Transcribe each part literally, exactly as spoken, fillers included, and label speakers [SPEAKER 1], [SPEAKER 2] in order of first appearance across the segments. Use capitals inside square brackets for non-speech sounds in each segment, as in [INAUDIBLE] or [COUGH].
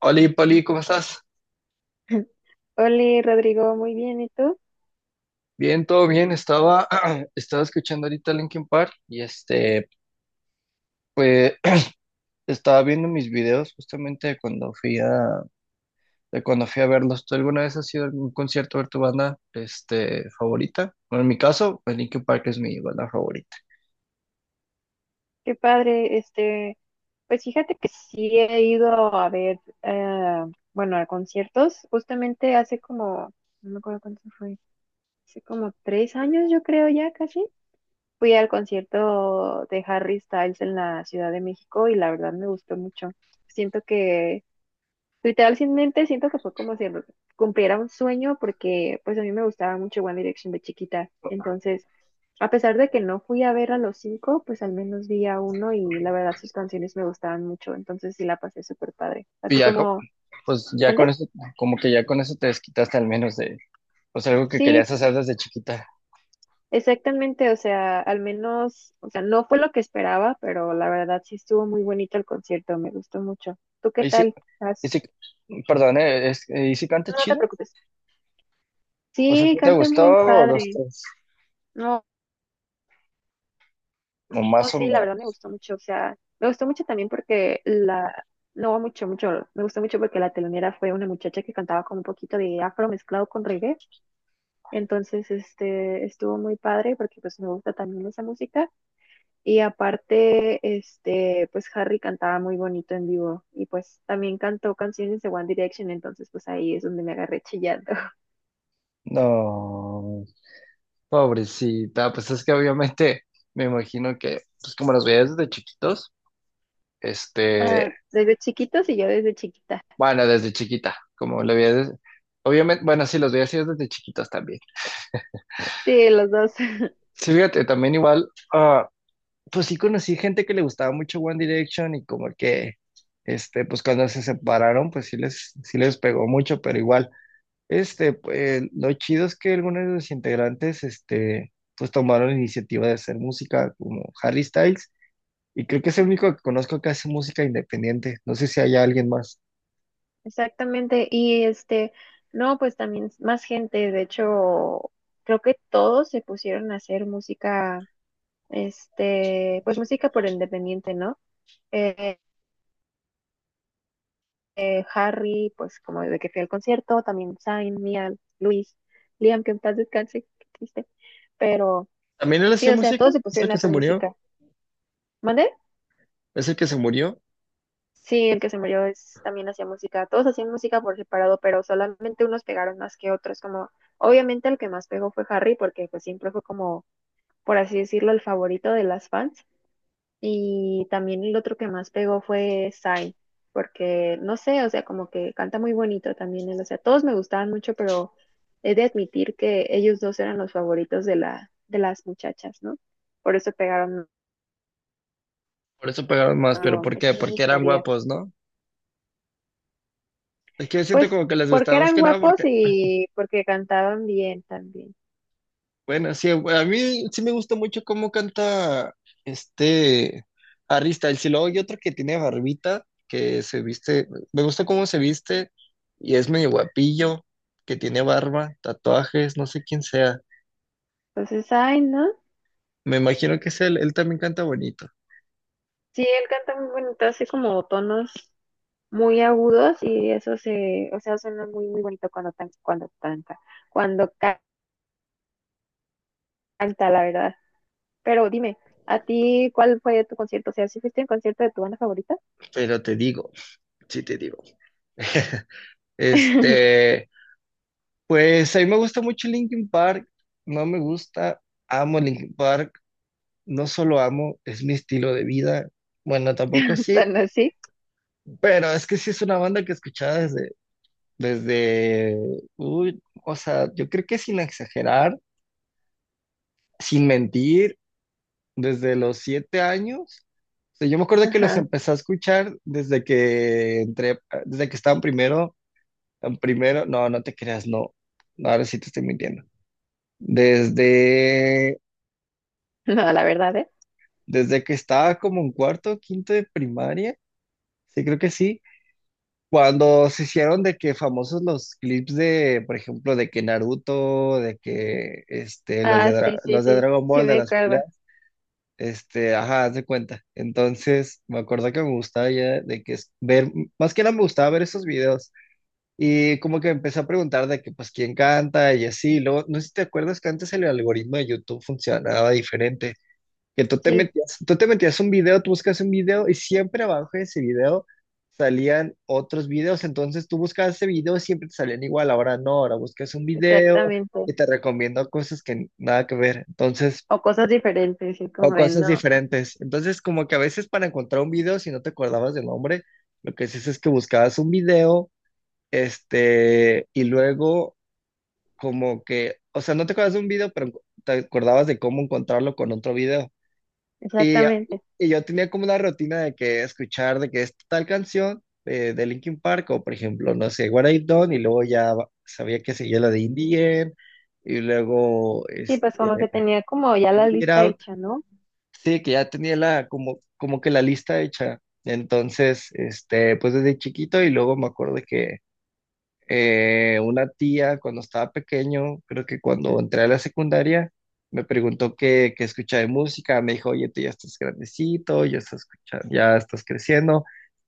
[SPEAKER 1] Hola, Pali, ¿cómo estás?
[SPEAKER 2] [LAUGHS] Hola Rodrigo, muy bien, ¿y tú?
[SPEAKER 1] Bien, todo bien. Estaba, [CLEARS THROAT] estaba escuchando ahorita Linkin Park y este, pues [CLEARS THROAT] estaba viendo mis videos justamente de cuando fui a, de cuando fui a verlos. ¿Tú alguna vez has ido a algún concierto a ver tu banda, este, favorita? Bueno, en mi caso, pues Linkin Park es mi banda favorita.
[SPEAKER 2] Qué padre, este, pues fíjate que sí he ido a ver, eh, bueno, a conciertos, justamente hace como, no me acuerdo cuánto fue, hace como tres años yo creo ya casi, fui al concierto de Harry Styles en la Ciudad de México y la verdad me gustó mucho. Siento que, literalmente siento que fue como si cumpliera un sueño porque pues a mí me gustaba mucho One Direction de chiquita, entonces. A pesar de que no fui a ver a los cinco, pues al menos vi a uno y la verdad sus canciones me gustaban mucho, entonces sí la pasé súper padre. ¿A
[SPEAKER 1] Y
[SPEAKER 2] ti
[SPEAKER 1] ya, co-
[SPEAKER 2] cómo?
[SPEAKER 1] pues ya con
[SPEAKER 2] ¿Mande?
[SPEAKER 1] eso, como que ya con eso te desquitaste al menos de, pues algo que
[SPEAKER 2] Sí,
[SPEAKER 1] querías hacer desde chiquita.
[SPEAKER 2] exactamente, o sea, al menos, o sea, no fue lo que esperaba, pero la verdad sí estuvo muy bonito el concierto, me gustó mucho. ¿Tú qué
[SPEAKER 1] Ahí sí,
[SPEAKER 2] tal?
[SPEAKER 1] y
[SPEAKER 2] ¿Has-
[SPEAKER 1] sí, perdón, eh, es, eh, ¿y si canta
[SPEAKER 2] No te
[SPEAKER 1] chido?
[SPEAKER 2] preocupes.
[SPEAKER 1] O sea,
[SPEAKER 2] Sí,
[SPEAKER 1] ¿sí te
[SPEAKER 2] canta
[SPEAKER 1] gustó,
[SPEAKER 2] muy
[SPEAKER 1] o dos,
[SPEAKER 2] padre.
[SPEAKER 1] tres?
[SPEAKER 2] No.
[SPEAKER 1] O
[SPEAKER 2] Oh,
[SPEAKER 1] más o
[SPEAKER 2] sí, la
[SPEAKER 1] menos.
[SPEAKER 2] verdad me gustó mucho, o sea, me gustó mucho también porque la, no mucho, mucho, me gustó mucho porque la telonera fue una muchacha que cantaba como un poquito de afro mezclado con reggae, entonces, este, estuvo muy padre porque pues me gusta también esa música y aparte, este, pues Harry cantaba muy bonito en vivo y pues también cantó canciones de One Direction, entonces pues ahí es donde me agarré chillando. [LAUGHS]
[SPEAKER 1] No, pobrecita, pues es que obviamente me imagino que, pues como los veías desde chiquitos, este,
[SPEAKER 2] Ah, desde chiquitos y yo desde chiquita.
[SPEAKER 1] bueno, desde chiquita, como lo veías, desde- Obviamente, bueno, sí, los veías así desde chiquitos también.
[SPEAKER 2] Sí, los dos.
[SPEAKER 1] Sí, fíjate, también igual, ah, pues sí conocí gente que le gustaba mucho One Direction y como que, este, pues cuando se separaron, pues sí les, sí les pegó mucho, pero igual, este, pues lo chido es que algunos de los integrantes, este, pues tomaron la iniciativa de hacer música como Harry Styles. Y creo que es el único que conozco que hace música independiente. No sé si hay alguien más.
[SPEAKER 2] Exactamente, y este, no, pues también más gente, de hecho, creo que todos se pusieron a hacer música, este, pues música por independiente, ¿no? Eh, eh, Harry, pues como de que fui al concierto, también Zayn, Mia, Luis, Liam, que en paz descanse, qué triste, pero
[SPEAKER 1] ¿También él
[SPEAKER 2] sí,
[SPEAKER 1] hacía
[SPEAKER 2] o sea,
[SPEAKER 1] música?
[SPEAKER 2] todos se
[SPEAKER 1] ¿Es el
[SPEAKER 2] pusieron a
[SPEAKER 1] que se
[SPEAKER 2] hacer
[SPEAKER 1] murió?
[SPEAKER 2] música. ¿Mande?
[SPEAKER 1] ¿Es el que se murió?
[SPEAKER 2] Sí, el que se murió es, también hacía música. Todos hacían música por separado, pero solamente unos pegaron más que otros. Como, obviamente el que más pegó fue Harry, porque pues siempre fue como, por así decirlo, el favorito de las fans. Y también el otro que más pegó fue Zayn, porque no sé, o sea, como que canta muy bonito también él. O sea, todos me gustaban mucho, pero he de admitir que ellos dos eran los favoritos de la, de las muchachas, ¿no? Por eso pegaron,
[SPEAKER 1] Por eso pegaron más,
[SPEAKER 2] algo,
[SPEAKER 1] pero ¿por
[SPEAKER 2] aunque sí
[SPEAKER 1] qué?
[SPEAKER 2] me
[SPEAKER 1] Porque eran
[SPEAKER 2] gustaría.
[SPEAKER 1] guapos, ¿no? Es que siento
[SPEAKER 2] Pues
[SPEAKER 1] como que les
[SPEAKER 2] porque
[SPEAKER 1] gustaba más
[SPEAKER 2] eran
[SPEAKER 1] que nada
[SPEAKER 2] guapos
[SPEAKER 1] porque,
[SPEAKER 2] y porque cantaban bien también.
[SPEAKER 1] bueno, sí, a mí sí me gusta mucho cómo canta este Harry Styles. Y si luego hay otro que tiene barbita, que se viste, me gusta cómo se viste y es medio guapillo, que tiene barba, tatuajes, no sé quién sea.
[SPEAKER 2] Entonces, ay, ¿no?
[SPEAKER 1] Me imagino que es él, él también canta bonito,
[SPEAKER 2] Sí, él canta muy bonito, así como tonos muy agudos y eso se, o sea, suena muy, muy bonito cuando tan, cuando canta, cuando ca- canta, la verdad. Pero dime, ¿a ti cuál fue tu concierto? O sea, ¿sí fuiste a un concierto de tu banda favorita?
[SPEAKER 1] pero te digo. Sí te digo. [LAUGHS]
[SPEAKER 2] [LAUGHS]
[SPEAKER 1] Este, pues a mí me gusta mucho Linkin Park, no me gusta, amo Linkin Park, no solo amo, es mi estilo de vida. Bueno, tampoco sí,
[SPEAKER 2] ¿Tan así?
[SPEAKER 1] pero es que sí es una banda que escuchaba desde, desde, uy, o sea, yo creo que sin exagerar, sin mentir, desde los siete años. O sea, yo me acuerdo que los
[SPEAKER 2] Ajá. [LAUGHS]
[SPEAKER 1] empecé a escuchar desde que entré, desde que estaba en primero. Primero, no, no te creas, no. No, ahora sí te estoy mintiendo. Desde,
[SPEAKER 2] No, la verdad, ¿eh?
[SPEAKER 1] Desde que estaba como en cuarto, quinto de primaria, sí creo que sí, cuando se hicieron de que famosos los clips de, por ejemplo, de que Naruto, de que este, los de,
[SPEAKER 2] Ah, sí,
[SPEAKER 1] Dra-
[SPEAKER 2] sí,
[SPEAKER 1] los de
[SPEAKER 2] sí,
[SPEAKER 1] Dragon
[SPEAKER 2] sí
[SPEAKER 1] Ball, de
[SPEAKER 2] me
[SPEAKER 1] las
[SPEAKER 2] acuerdo.
[SPEAKER 1] peleas, este, ajá, haz de cuenta. Entonces, me acuerdo que me gustaba ya de que es- ver, más que nada me gustaba ver esos videos. Y como que empecé a preguntar de que, pues, quién canta y así. Luego, no sé si te acuerdas que antes el algoritmo de YouTube funcionaba diferente. Que tú te
[SPEAKER 2] Sí,
[SPEAKER 1] metías, Tú te metías un video, tú buscas un video y siempre abajo de ese video salían otros videos. Entonces tú buscabas ese video y siempre te salían igual. Ahora no, ahora buscas un video
[SPEAKER 2] exactamente.
[SPEAKER 1] y te recomiendo cosas que nada que ver. Entonces,
[SPEAKER 2] O cosas diferentes, sí,
[SPEAKER 1] o
[SPEAKER 2] como de
[SPEAKER 1] cosas
[SPEAKER 2] no,
[SPEAKER 1] diferentes. Entonces, como que a veces para encontrar un video, si no te acordabas del nombre, lo que haces es que buscabas un video, este, y luego como que, o sea, no te acuerdas de un video, pero te acordabas de cómo encontrarlo con otro video. Y,
[SPEAKER 2] exactamente.
[SPEAKER 1] y yo tenía como una rutina de que escuchar de que es tal canción, eh, de Linkin Park, o por ejemplo, no sé, What I've Done, y luego ya va- sabía que seguía la de In the End, y luego
[SPEAKER 2] Sí, pues como que
[SPEAKER 1] este,
[SPEAKER 2] tenía como ya la
[SPEAKER 1] Get
[SPEAKER 2] lista
[SPEAKER 1] Out.
[SPEAKER 2] hecha, ¿no?
[SPEAKER 1] Sí, que ya tenía la, como, como que la lista hecha. Entonces, este, pues desde chiquito y luego me acuerdo que, eh, una tía cuando estaba pequeño, creo que cuando entré a la secundaria, me preguntó qué, qué escuchaba de música, me dijo, oye, tú ya estás grandecito, ya estás escuchando, ya estás creciendo,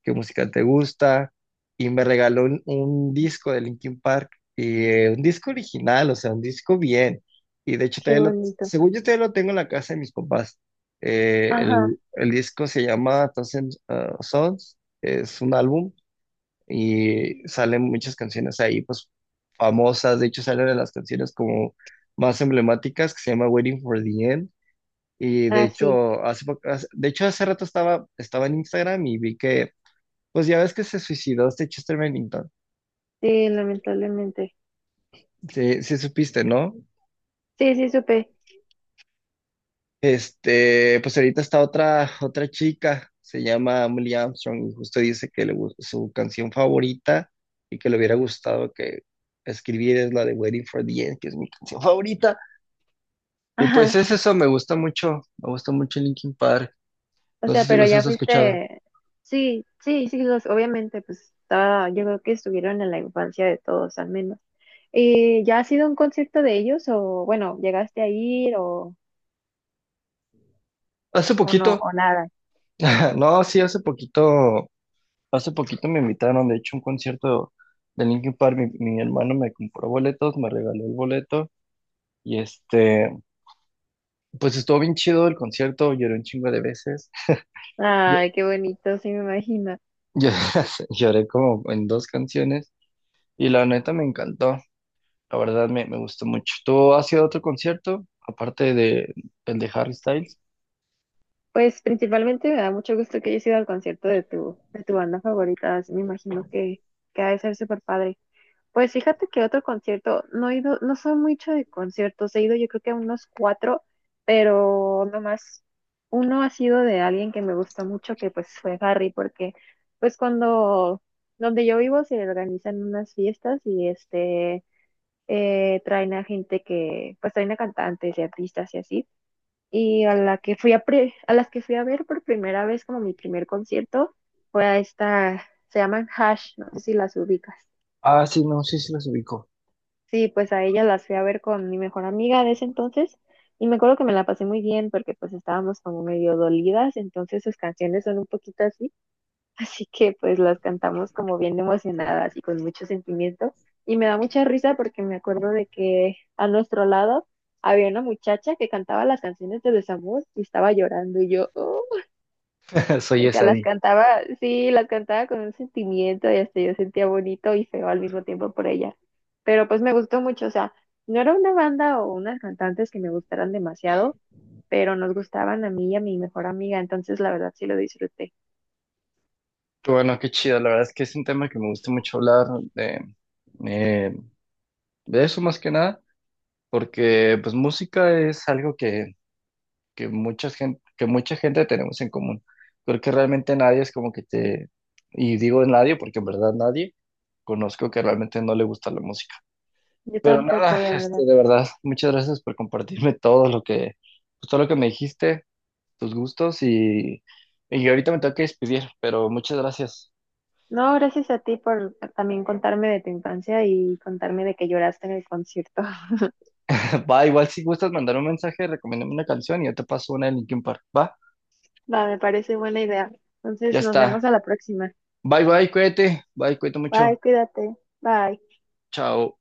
[SPEAKER 1] ¿qué música te gusta? Y me regaló un, un disco de Linkin Park, y, eh, un disco original, o sea, un disco bien. Y de hecho,
[SPEAKER 2] Qué
[SPEAKER 1] todavía lo,
[SPEAKER 2] bonito.
[SPEAKER 1] según yo todavía lo tengo en la casa de mis papás. Eh,
[SPEAKER 2] Ajá.
[SPEAKER 1] el, el disco se llama Thousand uh, Sons, es un álbum y salen muchas canciones ahí, pues famosas, de hecho salen de las canciones como más emblemáticas que se llama Waiting for the End. Y de
[SPEAKER 2] Ah, sí.
[SPEAKER 1] hecho hace, po- hace- de hecho hace rato estaba, estaba en Instagram y vi que pues ya ves que se suicidó este Chester Bennington,
[SPEAKER 2] Sí, lamentablemente.
[SPEAKER 1] sí, sí supiste, ¿no?
[SPEAKER 2] Sí, sí, supe.
[SPEAKER 1] Este, pues ahorita está otra, otra chica, se llama Emily Armstrong y justo dice que le gus- su canción favorita y que le hubiera gustado que escribir es la de Waiting for the End, que es mi canción favorita.
[SPEAKER 2] [LAUGHS]
[SPEAKER 1] Y pues
[SPEAKER 2] Ajá.
[SPEAKER 1] es eso, me gusta mucho, me gusta mucho Linkin Park.
[SPEAKER 2] O
[SPEAKER 1] No
[SPEAKER 2] sea,
[SPEAKER 1] sé si
[SPEAKER 2] pero
[SPEAKER 1] los
[SPEAKER 2] ya
[SPEAKER 1] has escuchado.
[SPEAKER 2] fuiste. Sí, sí, sí, los, obviamente, pues estaba, yo creo que estuvieron en la infancia de todos, al menos. Eh ¿ya has ido a un concierto de ellos o, bueno, llegaste a ir o,
[SPEAKER 1] Hace
[SPEAKER 2] o no,
[SPEAKER 1] poquito,
[SPEAKER 2] o nada?
[SPEAKER 1] [LAUGHS] no, sí, hace poquito, hace poquito me invitaron, de hecho, a un concierto de Linkin Park. Mi, mi hermano me compró boletos, me regaló el boleto y este, pues estuvo bien chido el concierto, lloré un chingo de veces. Yo-
[SPEAKER 2] Ay, qué bonito, sí me imagino.
[SPEAKER 1] yo [LAUGHS] lloré como en dos canciones y la neta me encantó, la verdad me, me gustó mucho. ¿Tú has ido a otro concierto, aparte de el de Harry Styles?
[SPEAKER 2] Pues principalmente me da mucho gusto que hayas ido al concierto de tu, de tu, banda favorita, así me imagino que, que ha de ser súper padre. Pues fíjate que otro concierto, no he ido, no soy mucho de conciertos, he ido yo creo que a unos cuatro, pero nomás uno ha sido de alguien que me gustó mucho, que pues fue Harry, porque pues cuando, donde yo vivo se organizan unas fiestas y este, eh, traen a gente que, pues traen a cantantes y artistas y así y a la que fui a pre- a las que fui a ver por primera vez como mi primer concierto fue a esta, se llaman Hash, no sé si las ubicas.
[SPEAKER 1] Ah, sí, no, sí, sí los ubico.
[SPEAKER 2] Sí, pues a ella las fui a ver con mi mejor amiga de ese entonces y me acuerdo que me la pasé muy bien porque pues estábamos como medio dolidas, entonces sus canciones son un poquito así, [LAUGHS] así que pues las cantamos como bien emocionadas y con mucho sentimiento y me da mucha risa porque me acuerdo de que a nuestro lado había una muchacha que cantaba las canciones de Desamor y estaba llorando y yo, "Oh,
[SPEAKER 1] [LAUGHS] Soy
[SPEAKER 2] o sea, las
[SPEAKER 1] Esadi.
[SPEAKER 2] cantaba, sí, las cantaba con un sentimiento y hasta yo sentía bonito y feo al mismo tiempo por ella". Pero pues me gustó mucho, o sea, no era una banda o unas cantantes que me gustaran demasiado, pero nos gustaban a mí y a mi mejor amiga, entonces la verdad sí lo disfruté.
[SPEAKER 1] Bueno, qué chido. La verdad es que es un tema que me gusta mucho hablar de, eh, de eso más que nada, porque pues música es algo que, que mucha gente, que mucha gente tenemos en común. Creo que realmente nadie es como que te, y digo nadie porque en verdad nadie conozco que realmente no le gusta la música.
[SPEAKER 2] Yo tampoco,
[SPEAKER 1] Nada,
[SPEAKER 2] de
[SPEAKER 1] este,
[SPEAKER 2] verdad.
[SPEAKER 1] de verdad, muchas gracias por compartirme todo lo que, pues, todo lo que me dijiste, tus gustos y, y ahorita me tengo que despedir, pero muchas gracias.
[SPEAKER 2] No, gracias a ti por también contarme de tu infancia y contarme de que lloraste en el concierto. [LAUGHS]
[SPEAKER 1] [LAUGHS] Va, igual si gustas mandar un mensaje, recomiéndame una canción y yo te paso una de Linkin Park. Va,
[SPEAKER 2] Va, me parece buena idea.
[SPEAKER 1] ya
[SPEAKER 2] Entonces nos
[SPEAKER 1] está.
[SPEAKER 2] vemos a la próxima.
[SPEAKER 1] Bye, bye, cuídate. Bye, cuídate
[SPEAKER 2] Bye,
[SPEAKER 1] mucho.
[SPEAKER 2] cuídate. Bye.
[SPEAKER 1] Chao.